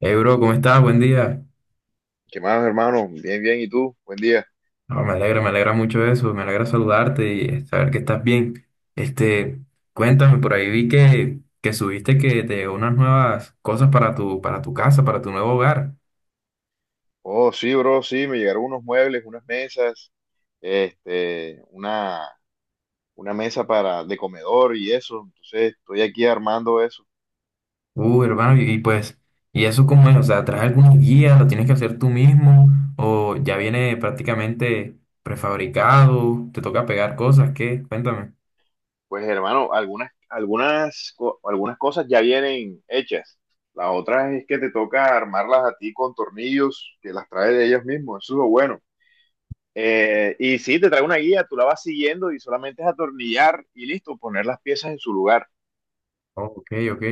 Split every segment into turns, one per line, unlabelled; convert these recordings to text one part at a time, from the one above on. Hey bro, ¿cómo estás? Buen día.
¿Qué más, hermano? Bien, bien. ¿Y tú? Buen día.
No, me alegra mucho eso, me alegra saludarte y saber que estás bien. Este, cuéntame, por ahí vi que subiste que te llegó unas nuevas cosas para para tu casa, para tu nuevo hogar.
Oh, sí, bro, sí, me llegaron unos muebles, unas mesas, este, una, una mesa para de comedor y eso. Entonces, estoy aquí armando eso.
Hermano, y pues, ¿y eso cómo es? O sea, ¿traes alguna guía? ¿Lo tienes que hacer tú mismo? ¿O ya viene prácticamente prefabricado? ¿Te toca pegar cosas? ¿Qué? Cuéntame.
Pues, hermano, algunas cosas ya vienen hechas. Las otras es que te toca armarlas a ti con tornillos que las trae de ellos mismos. Eso es lo bueno. Y sí, te trae una guía, tú la vas siguiendo y solamente es atornillar y listo, poner las piezas en su lugar.
Ok, ok.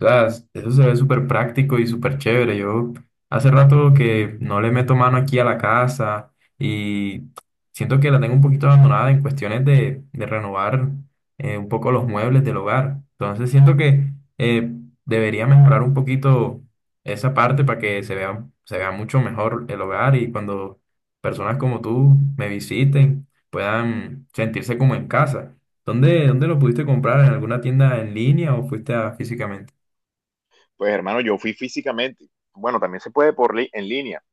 O sea, eso se ve súper práctico y súper chévere. Yo hace rato que no le meto mano aquí a la casa y siento que la tengo un poquito abandonada en cuestiones de renovar un poco los muebles del hogar. Entonces siento que debería mejorar un poquito esa parte para que se vea mucho mejor el hogar y cuando personas como tú me visiten puedan sentirse como en casa. Dónde lo pudiste comprar? ¿En alguna tienda en línea o fuiste a físicamente?
Pues hermano, yo fui físicamente. Bueno, también se puede en línea.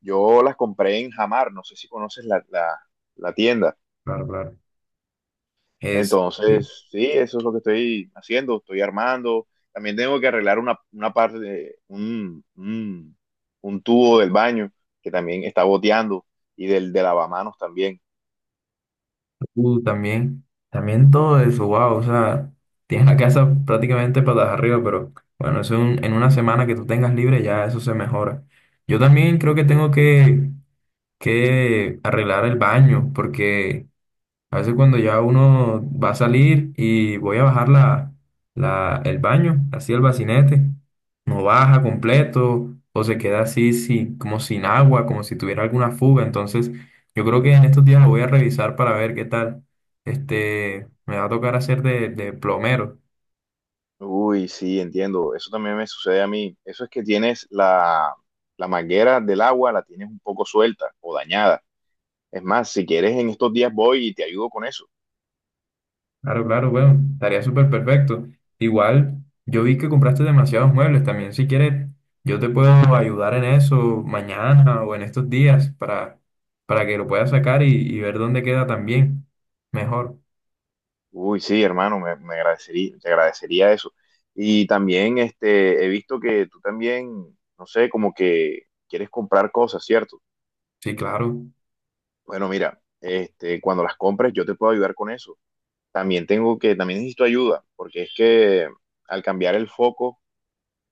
Yo las compré en Jamar, no sé si conoces la tienda.
Claro, claro. Es, sí.
Entonces, sí, eso es lo que estoy haciendo, estoy armando. También tengo que arreglar una parte de un tubo del baño que también está goteando y del de lavamanos también.
Uh, también, también todo eso, wow, o sea, tienes la casa prácticamente patas arriba, pero bueno, eso en una semana que tú tengas libre ya eso se mejora. Yo también creo que que arreglar el baño, porque a veces cuando ya uno va a salir y voy a bajar el baño, así el bacinete, no baja completo o se queda así, sí, como sin agua, como si tuviera alguna fuga. Entonces, yo creo que en estos días lo voy a revisar para ver qué tal. Me va a tocar hacer de plomero.
Uy, sí, entiendo. Eso también me sucede a mí. Eso es que tienes la manguera del agua, la tienes un poco suelta o dañada. Es más, si quieres, en estos días voy y te ayudo con eso.
Claro, claro, bueno, estaría súper perfecto. Igual, yo vi que compraste demasiados muebles también. Si quieres, yo te puedo ayudar en eso mañana o en estos días para que lo puedas sacar y ver dónde queda también. Mejor.
Uy, sí, hermano, te agradecería eso. Y también he visto que tú también, no sé, como que quieres comprar cosas, ¿cierto?
Sí, claro.
Bueno, mira, cuando las compres yo te puedo ayudar con eso. También tengo que, también necesito ayuda, porque es que al cambiar el foco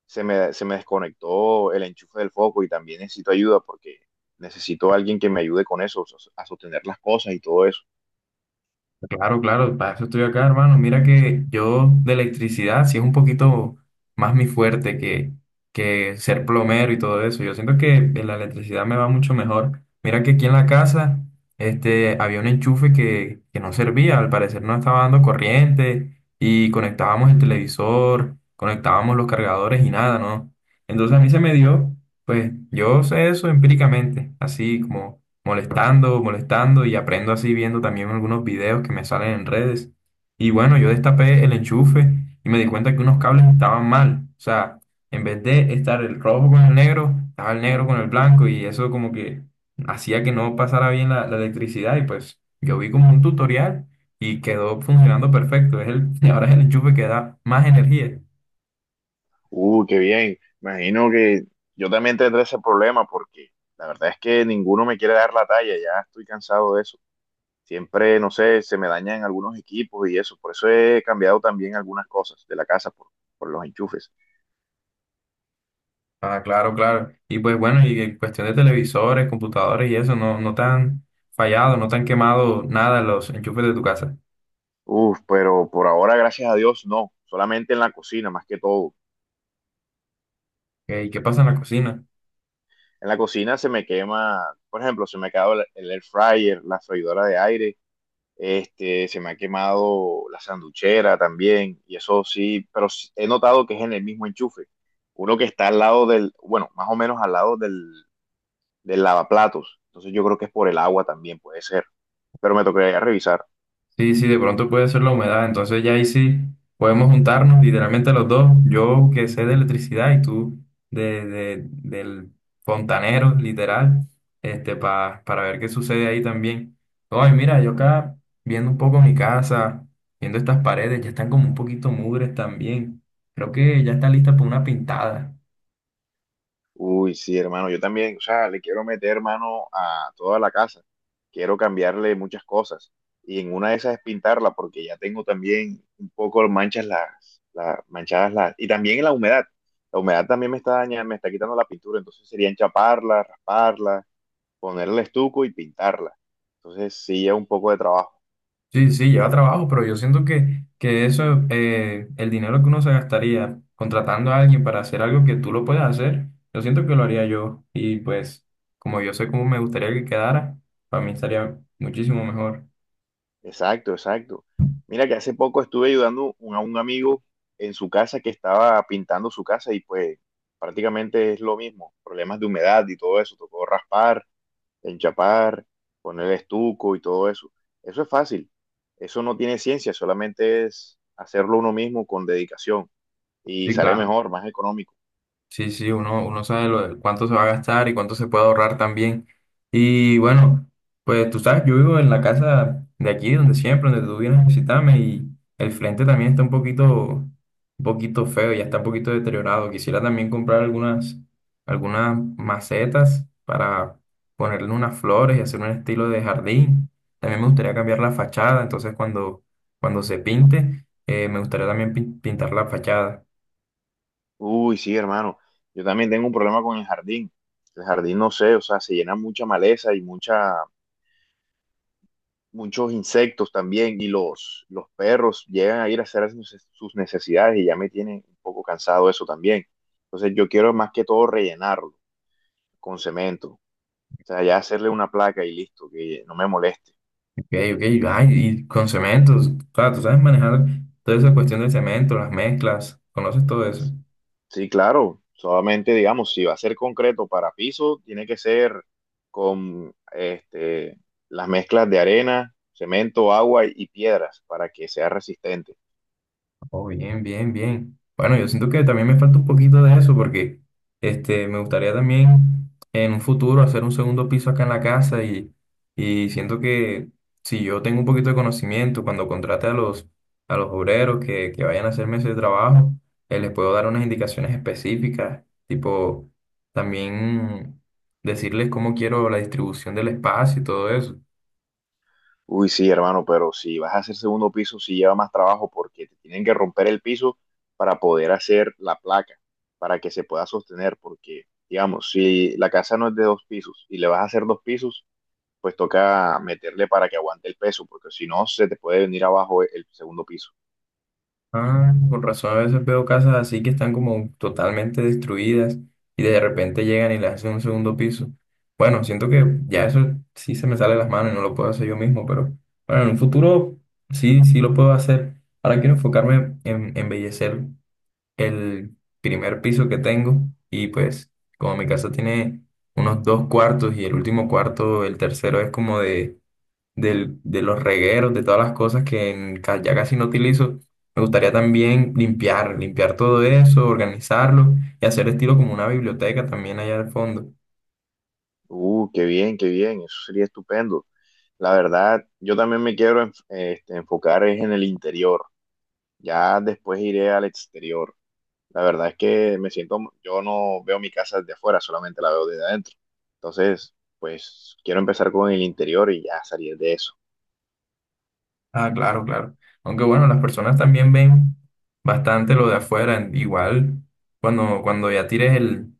se me desconectó el enchufe del foco y también necesito ayuda porque necesito a alguien que me ayude con eso, a sostener las cosas y todo eso.
Claro, claro, para eso estoy acá, hermano. Mira que yo de electricidad sí es un poquito más mi fuerte que ser plomero y todo eso. Yo siento que en la electricidad me va mucho mejor. Mira que aquí en la casa había un enchufe que no servía, al parecer no estaba dando corriente y conectábamos el televisor, conectábamos los cargadores y nada, ¿no? Entonces a mí se me dio, pues yo sé eso empíricamente, así como molestando, molestando y aprendo así viendo también algunos videos que me salen en redes. Y bueno, yo destapé el enchufe y me di cuenta que unos cables estaban mal. O sea, en vez de estar el rojo con el negro, estaba el negro con el blanco y eso como que hacía que no pasara bien la electricidad y pues yo vi como un tutorial y quedó funcionando perfecto. Es el, ahora es el enchufe que da más energía.
Qué bien. Imagino que yo también tendré ese problema porque la verdad es que ninguno me quiere dar la talla, ya estoy cansado de eso. Siempre, no sé, se me dañan algunos equipos y eso. Por eso he cambiado también algunas cosas de la casa por los enchufes.
Ah, claro, claro. Y pues bueno, y en cuestión de televisores, computadores y eso, no, no te han fallado, no te han quemado nada los enchufes de tu casa.
Uf, pero por ahora, gracias a Dios, no. Solamente en la cocina, más que todo.
Ok, ¿y qué pasa en la cocina?
En la cocina se me quema, por ejemplo, se me ha quedado el air fryer, la freidora de aire. Se me ha quemado la sanduchera también, y eso sí, pero he notado que es en el mismo enchufe. Uno que está al lado del, bueno, más o menos al lado del lavaplatos. Entonces yo creo que es por el agua también, puede ser. Pero me tocaría revisar.
Sí, sí, de pronto puede ser la humedad, entonces ya ahí sí podemos juntarnos literalmente los dos, yo que sé de electricidad y tú del fontanero, literal, para ver qué sucede ahí también. Ay, mira, yo acá viendo un poco mi casa, viendo estas paredes, ya están como un poquito mugres también. Creo que ya está lista para una pintada.
Uy, sí, hermano, yo también, o sea, le quiero meter mano a toda la casa. Quiero cambiarle muchas cosas. Y en una de esas es pintarla, porque ya tengo también un poco manchas las manchadas las, y también la humedad. La humedad también me está dañando, me está quitando la pintura, entonces sería enchaparla, rasparla, ponerle estuco y pintarla. Entonces sí, es un poco de trabajo.
Sí, sí, lleva trabajo, pero yo siento que eso, el dinero que uno se gastaría contratando a alguien para hacer algo que tú lo puedes hacer, yo siento que lo haría yo. Y pues, como yo sé cómo me gustaría que quedara, para mí estaría muchísimo mejor.
Exacto, exacto. Mira que hace poco estuve ayudando a un amigo en su casa que estaba pintando su casa y pues prácticamente es lo mismo, problemas de humedad y todo eso, tocó raspar, enchapar, poner estuco y todo eso. Eso es fácil, eso no tiene ciencia, solamente es hacerlo uno mismo con dedicación y
Sí,
sale
claro.
mejor, más económico.
Sí, sí, uno sabe lo de cuánto se va a gastar y cuánto se puede ahorrar también. Y bueno, pues tú sabes, yo vivo en la casa de aquí, donde siempre, donde tú vienes a visitarme y el frente también está un poquito feo, ya está un poquito deteriorado. Quisiera también comprar algunas macetas para ponerle unas flores y hacer un estilo de jardín. También me gustaría cambiar la fachada, entonces cuando se pinte, me gustaría también pintar la fachada.
Uy, sí, hermano, yo también tengo un problema con el jardín. El jardín, no sé, o sea, se llena mucha maleza y mucha muchos insectos también y los perros llegan a ir a hacer sus necesidades y ya me tiene un poco cansado eso también. Entonces yo quiero más que todo rellenarlo con cemento. O sea, ya hacerle una placa y listo, que no me moleste.
Ok, ok, ay, y con cementos, claro, tú sabes manejar toda esa cuestión del cemento, las mezclas, conoces todo eso.
Sí, claro, solamente digamos, si va a ser concreto para piso, tiene que ser con las mezclas de arena, cemento, agua y piedras para que sea resistente.
Oh, bien, bien, bien. Bueno, yo siento que también me falta un poquito de eso porque me gustaría también en un futuro hacer un segundo piso acá en la casa y siento que si yo tengo un poquito de conocimiento, cuando contrate a a los obreros que vayan a hacerme ese trabajo, les puedo dar unas indicaciones específicas, tipo también decirles cómo quiero la distribución del espacio y todo eso.
Uy, sí, hermano, pero si vas a hacer segundo piso, sí lleva más trabajo porque te tienen que romper el piso para poder hacer la placa, para que se pueda sostener, porque, digamos, si la casa no es de dos pisos y le vas a hacer dos pisos, pues toca meterle para que aguante el peso, porque si no, se te puede venir abajo el segundo piso.
Ah, con razón, a veces veo casas así que están como totalmente destruidas y de repente llegan y le hacen un segundo piso. Bueno, siento que ya eso sí se me sale de las manos y no lo puedo hacer yo mismo, pero bueno, en un futuro sí, sí lo puedo hacer. Ahora quiero enfocarme en embellecer el primer piso que tengo y pues como mi casa tiene unos dos cuartos y el último cuarto, el tercero es como de los regueros, de todas las cosas que en ya casi no utilizo. Me gustaría también limpiar, limpiar todo eso, organizarlo y hacer estilo como una biblioteca también allá al fondo.
Qué bien, qué bien, eso sería estupendo. La verdad, yo también me quiero enfocar es en el interior, ya después iré al exterior. La verdad es que me siento, yo no veo mi casa desde afuera, solamente la veo desde adentro. Entonces, pues quiero empezar con el interior y ya salir de eso.
Ah, claro, claro. Aunque bueno, las personas también ven bastante lo de afuera. Igual, cuando ya tires el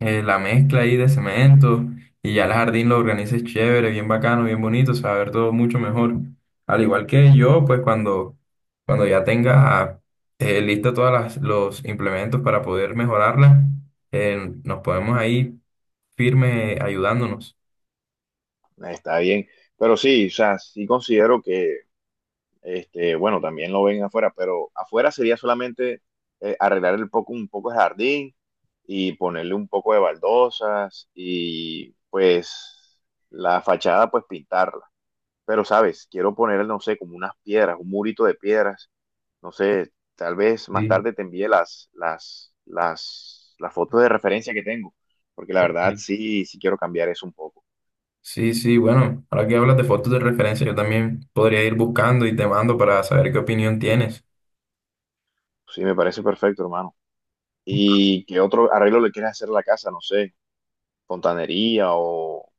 la mezcla ahí de cemento y ya el jardín lo organices chévere, bien bacano, bien bonito, se va a ver todo mucho mejor. Al igual que yo, pues cuando ya tenga lista todas los implementos para poder mejorarla, nos podemos ahí firme ayudándonos.
Está bien. Pero sí, o sea, sí considero que, bueno, también lo ven afuera, pero afuera sería solamente arreglar un poco el jardín y ponerle un poco de baldosas y pues la fachada, pues pintarla. Pero, ¿sabes? Quiero poner no sé, como unas piedras, un murito de piedras no sé, tal vez más
Sí,
tarde te envíe las fotos de referencia que tengo, porque la verdad
ok.
sí, sí quiero cambiar eso un poco.
Sí, sí, bueno, ahora que hablas de fotos de referencia, yo también podría ir buscando y te mando para saber qué opinión tienes.
Sí, me parece perfecto, hermano. ¿Y qué otro arreglo le quieres hacer a la casa? No sé, fontanería o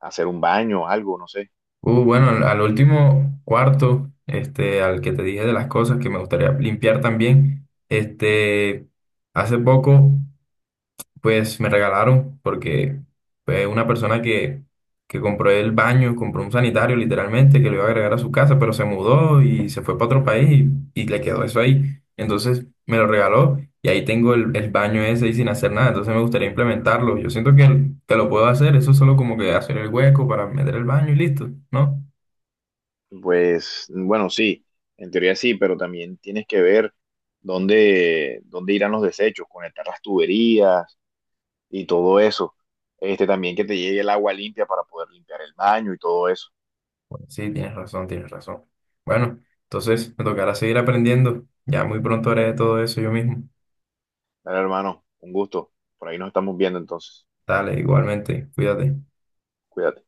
hacer un baño, algo, no sé.
Bueno, al al último cuarto, al que te dije de las cosas que me gustaría limpiar también, hace poco, pues me regalaron, porque pues, una persona que compró el baño, compró un sanitario literalmente, que lo iba a agregar a su casa, pero se mudó y se fue para otro país y le quedó eso ahí. Entonces me lo regaló y ahí tengo el baño ese ahí sin hacer nada, entonces me gustaría implementarlo. Yo siento que lo puedo hacer, eso es solo como que hacer el hueco para meter el baño y listo, ¿no?
Pues bueno, sí, en teoría sí, pero también tienes que ver dónde irán los desechos, conectar las tuberías y todo eso. También que te llegue el agua limpia para poder limpiar el baño y todo eso.
Bueno, sí, tienes razón, tienes razón. Bueno, entonces me tocará seguir aprendiendo. Ya muy pronto haré todo eso yo mismo.
Dale, hermano, un gusto. Por ahí nos estamos viendo entonces.
Dale, igualmente, cuídate.
Cuídate.